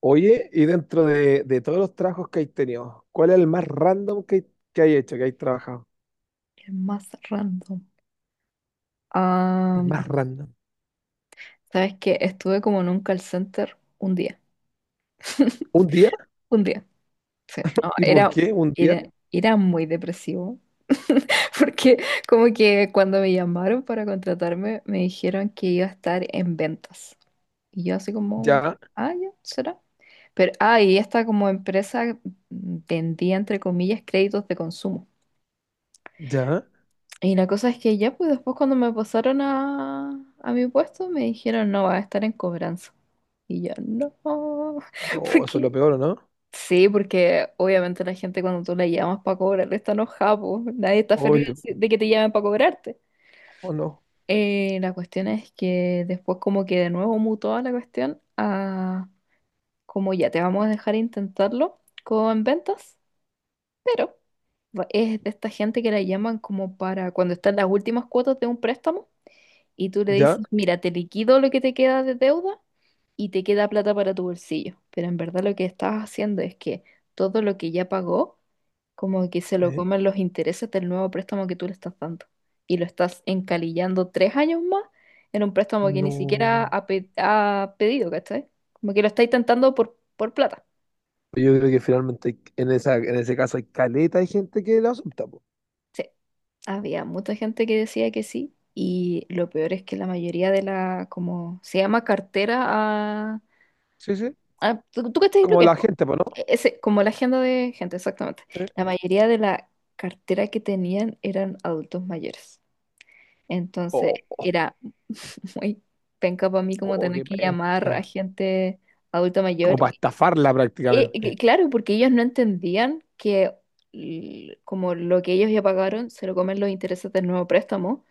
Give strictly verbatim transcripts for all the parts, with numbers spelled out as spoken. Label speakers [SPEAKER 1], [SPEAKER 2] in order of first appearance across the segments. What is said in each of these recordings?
[SPEAKER 1] Oye, y dentro de, de todos los trabajos que hay tenido, ¿cuál es el más random que, que hay hecho, que hay trabajado?
[SPEAKER 2] El más random. Ah,
[SPEAKER 1] El más random.
[SPEAKER 2] ¿sabes qué? Estuve como en un call center un día.
[SPEAKER 1] ¿Un día?
[SPEAKER 2] Un día. Sí. No,
[SPEAKER 1] ¿Y por
[SPEAKER 2] era,
[SPEAKER 1] qué un día?
[SPEAKER 2] era, era muy depresivo. Porque como que cuando me llamaron para contratarme, me dijeron que iba a estar en ventas. Y yo así como,
[SPEAKER 1] Ya,
[SPEAKER 2] ah, ya, será. Pero, ah, y esta como empresa vendía, entre comillas, créditos de consumo.
[SPEAKER 1] ya.
[SPEAKER 2] Y la cosa es que ya, pues después cuando me pasaron a, a mi puesto, me dijeron, no, va a estar en cobranza. Y yo, no,
[SPEAKER 1] No, eso es lo
[SPEAKER 2] porque...
[SPEAKER 1] peor, ¿o no?
[SPEAKER 2] Sí, porque obviamente la gente cuando tú la llamas para cobrarle está enojada, po. Nadie está feliz
[SPEAKER 1] Oye,
[SPEAKER 2] de que te llamen para cobrarte.
[SPEAKER 1] o no.
[SPEAKER 2] Eh, la cuestión es que después como que de nuevo mutó la cuestión a como ya te vamos a dejar intentarlo con ventas, pero va- es de esta gente que la llaman como para cuando están las últimas cuotas de un préstamo. Y tú le
[SPEAKER 1] ¿Ya?
[SPEAKER 2] dices, mira, te liquido lo que te queda de deuda y te queda plata para tu bolsillo. Pero en verdad lo que estás haciendo es que todo lo que ya pagó, como que se lo
[SPEAKER 1] ¿Eh?
[SPEAKER 2] comen los intereses del nuevo préstamo que tú le estás dando. Y lo estás encalillando tres años más en un préstamo que ni siquiera
[SPEAKER 1] No.
[SPEAKER 2] ha, pe- ha pedido, ¿cachai? Como que lo estáis tentando por, por plata.
[SPEAKER 1] Yo creo que finalmente hay- en esa, en ese caso hay caleta, hay gente que lo acepta, po.
[SPEAKER 2] Sí, había mucha gente que decía que sí. Y lo peor es que la mayoría de la, como se llama, cartera.
[SPEAKER 1] Sí, sí.
[SPEAKER 2] Ah, ¿tú, tú cachai lo
[SPEAKER 1] Como
[SPEAKER 2] que es,
[SPEAKER 1] la
[SPEAKER 2] po?
[SPEAKER 1] gente, pues, ¿no?
[SPEAKER 2] E, Ese, como la agenda de gente, exactamente.
[SPEAKER 1] ¿Eh?
[SPEAKER 2] La mayoría de la cartera que tenían eran adultos mayores. Entonces
[SPEAKER 1] Oh, oh,
[SPEAKER 2] era muy penca para mí como
[SPEAKER 1] oh,
[SPEAKER 2] tener
[SPEAKER 1] qué
[SPEAKER 2] que llamar a
[SPEAKER 1] penca.
[SPEAKER 2] gente adulta
[SPEAKER 1] Como
[SPEAKER 2] mayor.
[SPEAKER 1] para estafarla
[SPEAKER 2] Eh, que-
[SPEAKER 1] prácticamente.
[SPEAKER 2] claro, porque ellos no entendían que l- como lo que ellos ya pagaron se lo comen los intereses del nuevo préstamo,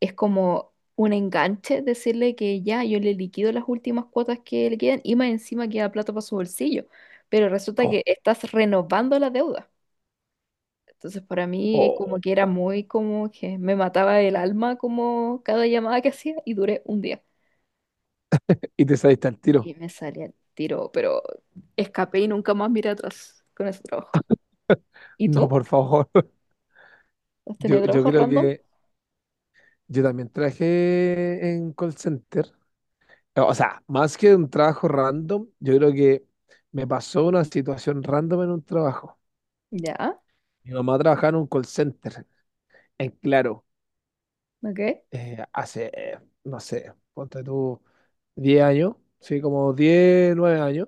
[SPEAKER 2] es como un enganche decirle que ya yo le liquido las últimas cuotas que le quedan y más encima queda plata para su bolsillo. Pero resulta
[SPEAKER 1] Oh,
[SPEAKER 2] que estás renovando la deuda. Entonces para mí
[SPEAKER 1] oh.
[SPEAKER 2] como que era muy como que me mataba el alma como cada llamada que hacía, y duré un día.
[SPEAKER 1] Y te saliste al
[SPEAKER 2] Y
[SPEAKER 1] tiro.
[SPEAKER 2] me salía el tiro, pero escapé y nunca más miré atrás con ese trabajo. ¿Y
[SPEAKER 1] No,
[SPEAKER 2] tú?
[SPEAKER 1] por favor.
[SPEAKER 2] ¿Has
[SPEAKER 1] Yo,
[SPEAKER 2] tenido
[SPEAKER 1] yo
[SPEAKER 2] trabajos
[SPEAKER 1] creo
[SPEAKER 2] random?
[SPEAKER 1] que yo también trabajé en call center. eh, O sea, más que un trabajo random, yo creo que me pasó una situación random en un trabajo.
[SPEAKER 2] Ya,
[SPEAKER 1] Mi mamá trabajaba en un call center, en Claro,
[SPEAKER 2] ok.
[SPEAKER 1] eh, hace, eh, no sé, ponte tú, diez años, sí, como diez nueve años.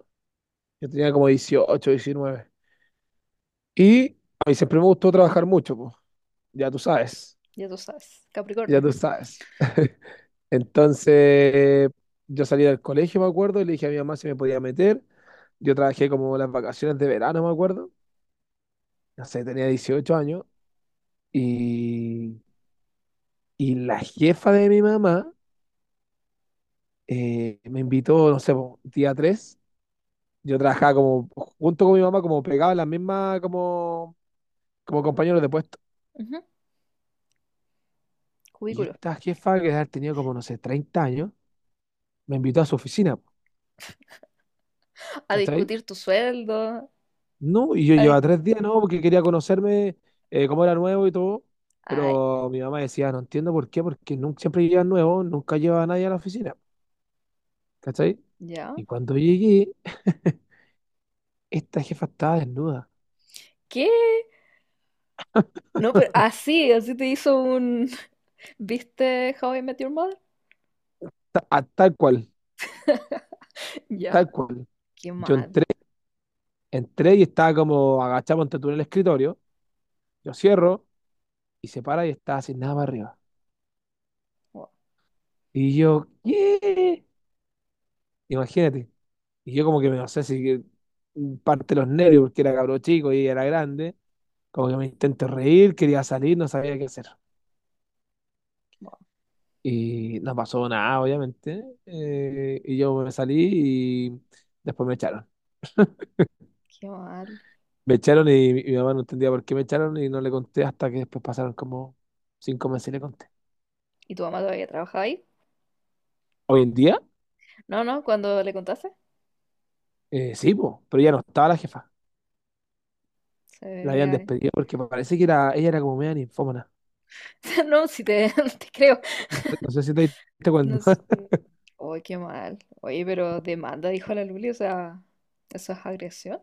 [SPEAKER 1] Yo tenía como dieciocho diecinueve. Y a mí siempre me gustó trabajar mucho, pues, ya tú sabes,
[SPEAKER 2] Ya tú sabes.
[SPEAKER 1] ya
[SPEAKER 2] Capricornio.
[SPEAKER 1] tú sabes. Entonces, yo salí del colegio, me acuerdo, y le dije a mi mamá si me podía meter. Yo trabajé como las vacaciones de verano, me acuerdo. No sé, tenía dieciocho años. Y, y la jefa de mi mamá eh, me invitó, no sé, po, día tres. Yo trabajaba como, junto con mi mamá, como pegaba las mismas, como, como compañeros de puesto.
[SPEAKER 2] Ujú.
[SPEAKER 1] Y
[SPEAKER 2] Cubículo.
[SPEAKER 1] esta jefa, que ha tenido como, no sé, treinta años, me invitó a su oficina, po,
[SPEAKER 2] A
[SPEAKER 1] ¿cachai?
[SPEAKER 2] discutir tu sueldo,
[SPEAKER 1] No, y yo
[SPEAKER 2] a dis-
[SPEAKER 1] llevaba tres días, ¿no? Porque quería conocerme eh, cómo era nuevo y todo.
[SPEAKER 2] ay,
[SPEAKER 1] Pero mi mamá decía, no entiendo por qué, porque nunca, siempre llegan nuevos, nunca lleva a nadie a la oficina, ¿cachai?
[SPEAKER 2] ¿ya?
[SPEAKER 1] Y cuando llegué, esta jefa estaba desnuda,
[SPEAKER 2] ¿Qué? No, pero así, así te hizo un... ¿Viste How I Met Your Mother?
[SPEAKER 1] ta- a- tal cual,
[SPEAKER 2] Ya,
[SPEAKER 1] tal cual.
[SPEAKER 2] qué
[SPEAKER 1] Yo
[SPEAKER 2] mal.
[SPEAKER 1] entré, entré y estaba como agachado ante tú en el escritorio, yo cierro y se para y estaba sin nada para arriba.
[SPEAKER 2] Wow,
[SPEAKER 1] Y yo, ¿qué? Imagínate. Y yo como que me, no sé si que- mm, parte los nervios porque era cabro chico y ella era grande. Como que me intenté reír, quería salir, no sabía qué hacer.
[SPEAKER 2] wow,
[SPEAKER 1] Y no pasó nada, obviamente. eh, y yo me salí y después me echaron.
[SPEAKER 2] qué mal.
[SPEAKER 1] Me echaron y mi, mi mamá no entendía por qué me echaron y no le conté hasta que después pasaron como cinco meses y le conté.
[SPEAKER 2] ¿Y tu mamá todavía trabajaba ahí?
[SPEAKER 1] Hoy en día,
[SPEAKER 2] No, no, cuando le contaste,
[SPEAKER 1] eh, sí, po, pero ya no estaba la jefa.
[SPEAKER 2] se
[SPEAKER 1] La habían
[SPEAKER 2] veía...
[SPEAKER 1] despedido porque parece que era, ella era como media ninfómana.
[SPEAKER 2] No, si te, te creo.
[SPEAKER 1] No sé, no sé si te diste
[SPEAKER 2] No
[SPEAKER 1] cuenta.
[SPEAKER 2] sé. Oye, qué mal. Oye, pero demanda, dijo la Luli, o sea, ¿eso es agresión?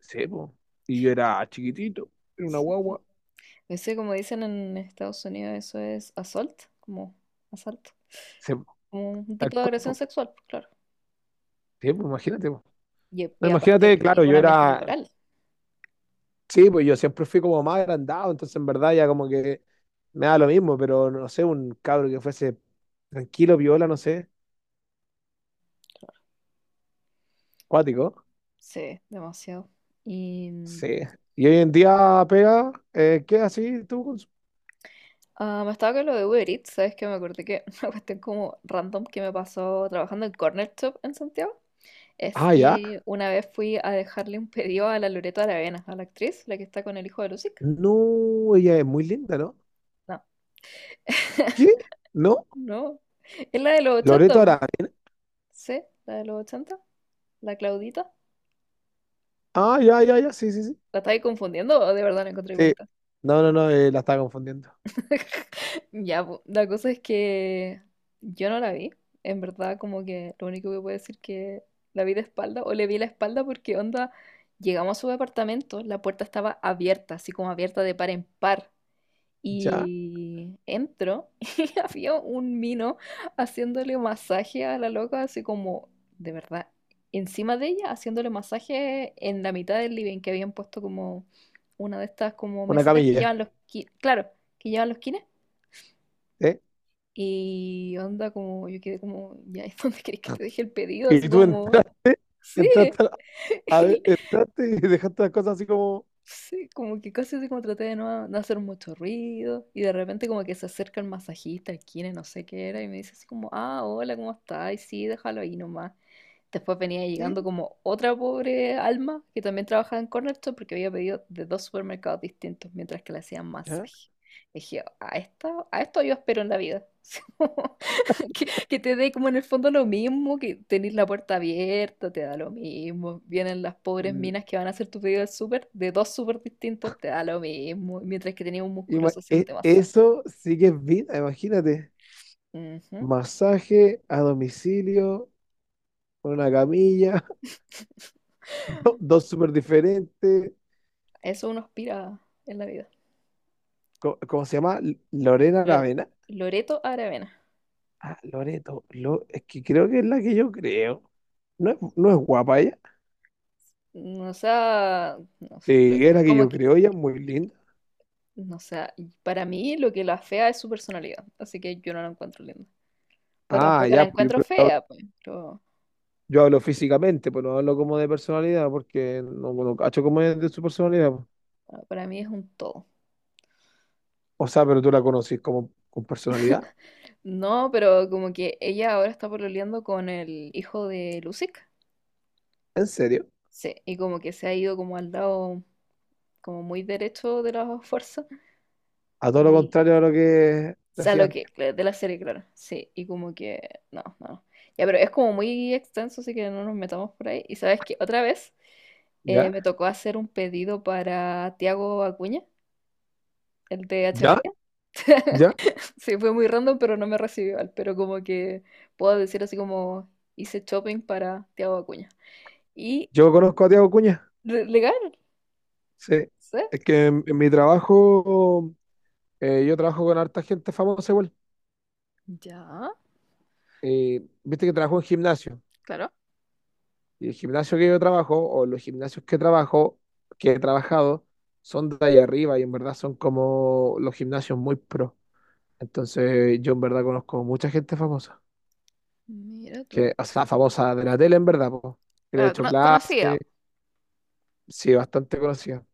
[SPEAKER 1] Sí, po. Y yo era chiquitito, era una
[SPEAKER 2] Sí.
[SPEAKER 1] guagua.
[SPEAKER 2] Ese, como dicen en Estados Unidos, eso es assault, como asalto.
[SPEAKER 1] Sí, po,
[SPEAKER 2] Como un
[SPEAKER 1] tal
[SPEAKER 2] tipo de
[SPEAKER 1] cual,
[SPEAKER 2] agresión
[SPEAKER 1] po.
[SPEAKER 2] sexual, pues, claro.
[SPEAKER 1] Sí, po, imagínate, po.
[SPEAKER 2] Y,
[SPEAKER 1] No,
[SPEAKER 2] y aparte,
[SPEAKER 1] imagínate, claro,
[SPEAKER 2] en un
[SPEAKER 1] yo
[SPEAKER 2] ambiente
[SPEAKER 1] era.
[SPEAKER 2] laboral.
[SPEAKER 1] Sí, pues yo siempre fui como más agrandado, entonces en verdad ya como que me da lo mismo, pero no sé, un cabro que fuese tranquilo, viola, no sé, cuático.
[SPEAKER 2] Sí, demasiado. Y mm,
[SPEAKER 1] Sí. Y hoy en día pega, eh, ¿qué así tú? Con su-
[SPEAKER 2] ah, me estaba con lo de Uber Eats, ¿sabes qué? Me acordé que una cuestión como random que me pasó trabajando en Corner Shop en Santiago. Es
[SPEAKER 1] Ah, ya.
[SPEAKER 2] que una vez fui a dejarle un pedido a la Loreto Aravena, a la actriz, la que está con el hijo de Lucic.
[SPEAKER 1] No, ella es muy linda, ¿no?
[SPEAKER 2] No,
[SPEAKER 1] ¿Qué? ¿No?
[SPEAKER 2] no. Es la de los ochenta,
[SPEAKER 1] Loreto
[SPEAKER 2] po.
[SPEAKER 1] Araya.
[SPEAKER 2] Sí, la de los ochenta, la Claudita.
[SPEAKER 1] Ah, ya, ya, ya, sí, sí, sí.
[SPEAKER 2] ¿La estáis confundiendo o de verdad la encontré
[SPEAKER 1] Sí.
[SPEAKER 2] bonita?
[SPEAKER 1] No, no, no, eh, la estaba confundiendo.
[SPEAKER 2] Ya, po, la cosa es que yo no la vi. En verdad, como que lo único que puedo decir, que la vi de espalda o le vi la espalda, porque onda, llegamos a su departamento, la puerta estaba abierta, así como abierta de par en par.
[SPEAKER 1] Ya,
[SPEAKER 2] Y entro y había un mino haciéndole masaje a la loca, así como, de verdad, encima de ella, haciéndole masaje en la mitad del living, que habían puesto como una de estas como
[SPEAKER 1] una
[SPEAKER 2] mesitas que llevan
[SPEAKER 1] camilla,
[SPEAKER 2] los... ki- claro, que llevan los kines.
[SPEAKER 1] ¿eh?
[SPEAKER 2] Y onda como, yo quedé como, ya, ¿y dónde querés que te deje el pedido? Así
[SPEAKER 1] Y tú
[SPEAKER 2] como,
[SPEAKER 1] entraste,
[SPEAKER 2] sí,
[SPEAKER 1] entraste, a- a- entraste y dejaste las cosas así como,
[SPEAKER 2] sí, como que casi así como traté de no, no hacer mucho ruido. Y de repente como que se acerca el masajista, el kine, no sé qué era, y me dice así como, ah, hola, ¿cómo estás? Y sí, déjalo ahí nomás. Después venía llegando
[SPEAKER 1] ¿qué?
[SPEAKER 2] como otra pobre alma que también trabajaba en Corner Shop, porque había pedido de dos supermercados distintos mientras que le hacían masaje. Y dije, a esto, a esto yo espero en la vida. Que, que te dé como en el fondo lo mismo, que tenés la puerta abierta, te da lo mismo. Vienen las pobres
[SPEAKER 1] L-
[SPEAKER 2] minas que van a hacer tu pedido del súper, de dos súper distintos, te da lo mismo. Mientras que tenías un
[SPEAKER 1] ima-
[SPEAKER 2] musculoso
[SPEAKER 1] e-
[SPEAKER 2] haciéndote masaje.
[SPEAKER 1] Eso sí que es vida, imagínate.
[SPEAKER 2] Ujú.
[SPEAKER 1] Masaje a domicilio, con una camilla, do- dos súper diferentes.
[SPEAKER 2] Eso uno aspira en la vida.
[SPEAKER 1] Co- ¿Cómo se llama? L- Lorena
[SPEAKER 2] Lo-
[SPEAKER 1] Lavena.
[SPEAKER 2] Loreto Aravena.
[SPEAKER 1] Ah, Loreto. Lo- es que creo que es la que yo creo. ¿No es, no es guapa ella?
[SPEAKER 2] No, o sea, no sé, lo-
[SPEAKER 1] Sí, es la que
[SPEAKER 2] como
[SPEAKER 1] yo
[SPEAKER 2] que,
[SPEAKER 1] creo, ella es muy linda.
[SPEAKER 2] no sé, y para mí lo que la fea es su personalidad, así que yo no la encuentro linda. Pero
[SPEAKER 1] Ah,
[SPEAKER 2] tampoco la
[SPEAKER 1] ya, pues yo,
[SPEAKER 2] encuentro
[SPEAKER 1] pero yo hablo
[SPEAKER 2] fea, pues, pero
[SPEAKER 1] yo hablo físicamente, pues no hablo como de personalidad, porque no, no cacho como es de su personalidad, pues.
[SPEAKER 2] bueno, para mí es un todo.
[SPEAKER 1] O sea, pero tú la conocís como con personalidad.
[SPEAKER 2] No, pero como que ella ahora está pololeando con el hijo de Lucic,
[SPEAKER 1] ¿En serio?
[SPEAKER 2] sí, y como que se ha ido como al lado, como muy derecho de las fuerzas,
[SPEAKER 1] A todo lo
[SPEAKER 2] y,
[SPEAKER 1] contrario a lo que
[SPEAKER 2] o sea,
[SPEAKER 1] decía
[SPEAKER 2] lo que,
[SPEAKER 1] antes.
[SPEAKER 2] claro, de la serie, claro, sí, y como que, no, no. Ya, pero es como muy extenso, así que no nos metamos por ahí. Y sabes que otra vez,
[SPEAKER 1] ¿Ya?
[SPEAKER 2] Eh, me tocó hacer un pedido para Tiago Acuña, el de H.
[SPEAKER 1] ¿Ya?
[SPEAKER 2] Bahía.
[SPEAKER 1] ¿Ya?
[SPEAKER 2] Sí, fue muy random, pero no me recibió igual. Pero como que puedo decir así como hice shopping para Tiago Acuña. Y
[SPEAKER 1] Yo conozco a Tiago Cuña.
[SPEAKER 2] le- legal,
[SPEAKER 1] Sí.
[SPEAKER 2] ¿sí?
[SPEAKER 1] Es que en, en mi trabajo, eh, yo trabajo con harta gente famosa igual.
[SPEAKER 2] Ya,
[SPEAKER 1] Eh, viste que trabajo en gimnasio.
[SPEAKER 2] claro.
[SPEAKER 1] Y el gimnasio que yo trabajo, o los gimnasios que trabajo, que he trabajado, son de ahí arriba y en verdad son como los gimnasios muy pro. Entonces, yo en verdad conozco mucha gente famosa.
[SPEAKER 2] Mira tú.
[SPEAKER 1] Que, o sea, famosa de la tele en verdad, po, que le he
[SPEAKER 2] Ah,
[SPEAKER 1] hecho
[SPEAKER 2] cono- conocía
[SPEAKER 1] clases. Sí, bastante conocida.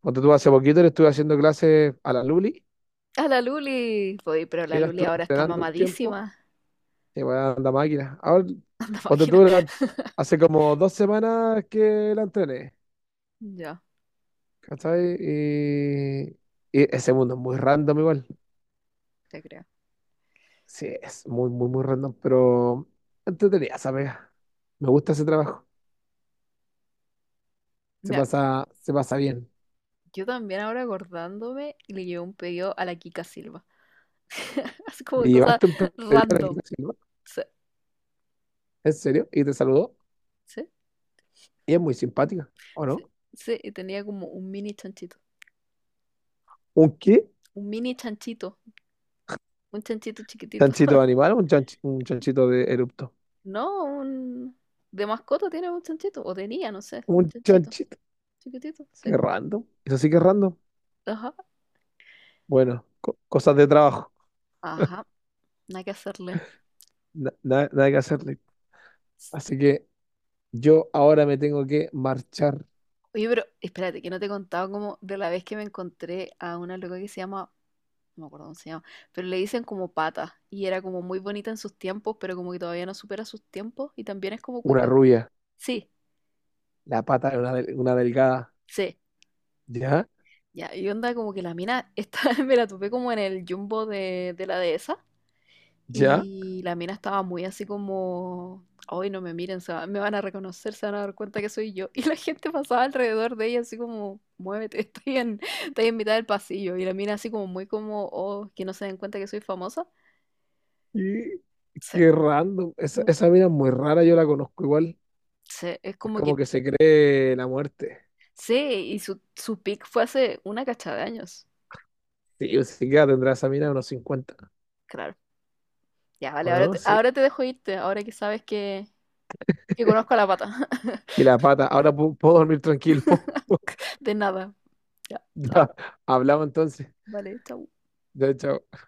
[SPEAKER 1] Cuando tú hace poquito le estuve haciendo clases a la Luli,
[SPEAKER 2] a la Luli, voy, pero
[SPEAKER 1] sí,
[SPEAKER 2] la
[SPEAKER 1] la
[SPEAKER 2] Luli
[SPEAKER 1] estuve
[SPEAKER 2] ahora está
[SPEAKER 1] entrenando un tiempo,
[SPEAKER 2] mamadísima.
[SPEAKER 1] y weón, la máquina. Ahora,
[SPEAKER 2] Anda
[SPEAKER 1] cuando
[SPEAKER 2] máquina.
[SPEAKER 1] tú la- hace como dos semanas que la entrené,
[SPEAKER 2] Ya,
[SPEAKER 1] ¿cachai? Y, y ese mundo es muy random igual.
[SPEAKER 2] te creo.
[SPEAKER 1] Sí, es muy, muy, muy random, pero entretenida esa pega. Me gusta ese trabajo. Se
[SPEAKER 2] Mira,
[SPEAKER 1] pasa, se pasa bien.
[SPEAKER 2] yo también ahora acordándome le llevé un pedido a la Kika Silva. Así como de
[SPEAKER 1] Y
[SPEAKER 2] cosas
[SPEAKER 1] llevaste un pedido aquí,
[SPEAKER 2] random.
[SPEAKER 1] ¿sí, no?
[SPEAKER 2] Sí,
[SPEAKER 1] ¿En serio? Y te saludó.
[SPEAKER 2] sí.
[SPEAKER 1] Y es muy simpática, ¿o
[SPEAKER 2] Sí,
[SPEAKER 1] no?
[SPEAKER 2] sí, y tenía como un mini chanchito.
[SPEAKER 1] ¿Un qué?
[SPEAKER 2] Un mini chanchito. Un chanchito chiquitito.
[SPEAKER 1] ¿Chanchito de animal o un, chanch- un chanchito de erupto?
[SPEAKER 2] No, un... De mascota tiene un chanchito. O tenía, no sé. Un
[SPEAKER 1] Un
[SPEAKER 2] chanchito.
[SPEAKER 1] chanchito.
[SPEAKER 2] Chiquitito, sí.
[SPEAKER 1] Qué random. Eso sí que es random.
[SPEAKER 2] Ajá.
[SPEAKER 1] Bueno, co- cosas de trabajo.
[SPEAKER 2] Ajá. Nada que hacerle.
[SPEAKER 1] Na- na- nada que hacerle. Así que yo ahora me tengo que marchar.
[SPEAKER 2] Oye, pero espérate, que no te he contado como de la vez que me encontré a una loca que se llama... No me acuerdo cómo se llama. Pero le dicen como pata. Y era como muy bonita en sus tiempos, pero como que todavía no supera sus tiempos. Y también es como
[SPEAKER 1] Una
[SPEAKER 2] cuica.
[SPEAKER 1] rubia.
[SPEAKER 2] Sí,
[SPEAKER 1] La pata de una, del- una delgada.
[SPEAKER 2] sí.
[SPEAKER 1] ¿Ya?
[SPEAKER 2] Ya, y onda como que la mina, esta, me la topé como en el jumbo de, de la dehesa
[SPEAKER 1] ¿Ya?
[SPEAKER 2] y la mina estaba muy así como, hoy no me miren, se va- me van a reconocer, se van a dar cuenta que soy yo. Y la gente pasaba alrededor de ella así como, muévete, estoy en, estoy en mitad del pasillo. Y la mina así como muy como, oh, que no se den cuenta que soy famosa.
[SPEAKER 1] Y
[SPEAKER 2] Sí,
[SPEAKER 1] qué random. Esa, esa mina es muy rara. Yo la conozco igual.
[SPEAKER 2] sí, es
[SPEAKER 1] Es
[SPEAKER 2] como
[SPEAKER 1] como
[SPEAKER 2] que,
[SPEAKER 1] que se cree la muerte.
[SPEAKER 2] sí, y su, su pic fue hace una cacha de años.
[SPEAKER 1] Sí, o sea, que tendrá esa mina unos cincuenta.
[SPEAKER 2] Claro. Ya, vale,
[SPEAKER 1] ¿O
[SPEAKER 2] ahora
[SPEAKER 1] no?
[SPEAKER 2] te,
[SPEAKER 1] Sí.
[SPEAKER 2] ahora te dejo irte, ahora que sabes que, que conozco a la pata.
[SPEAKER 1] Y la pata. Ahora pu- puedo dormir tranquilo.
[SPEAKER 2] De nada. Ya, chao.
[SPEAKER 1] Ya. Hablamos entonces.
[SPEAKER 2] Vale, chao.
[SPEAKER 1] Ya, chao.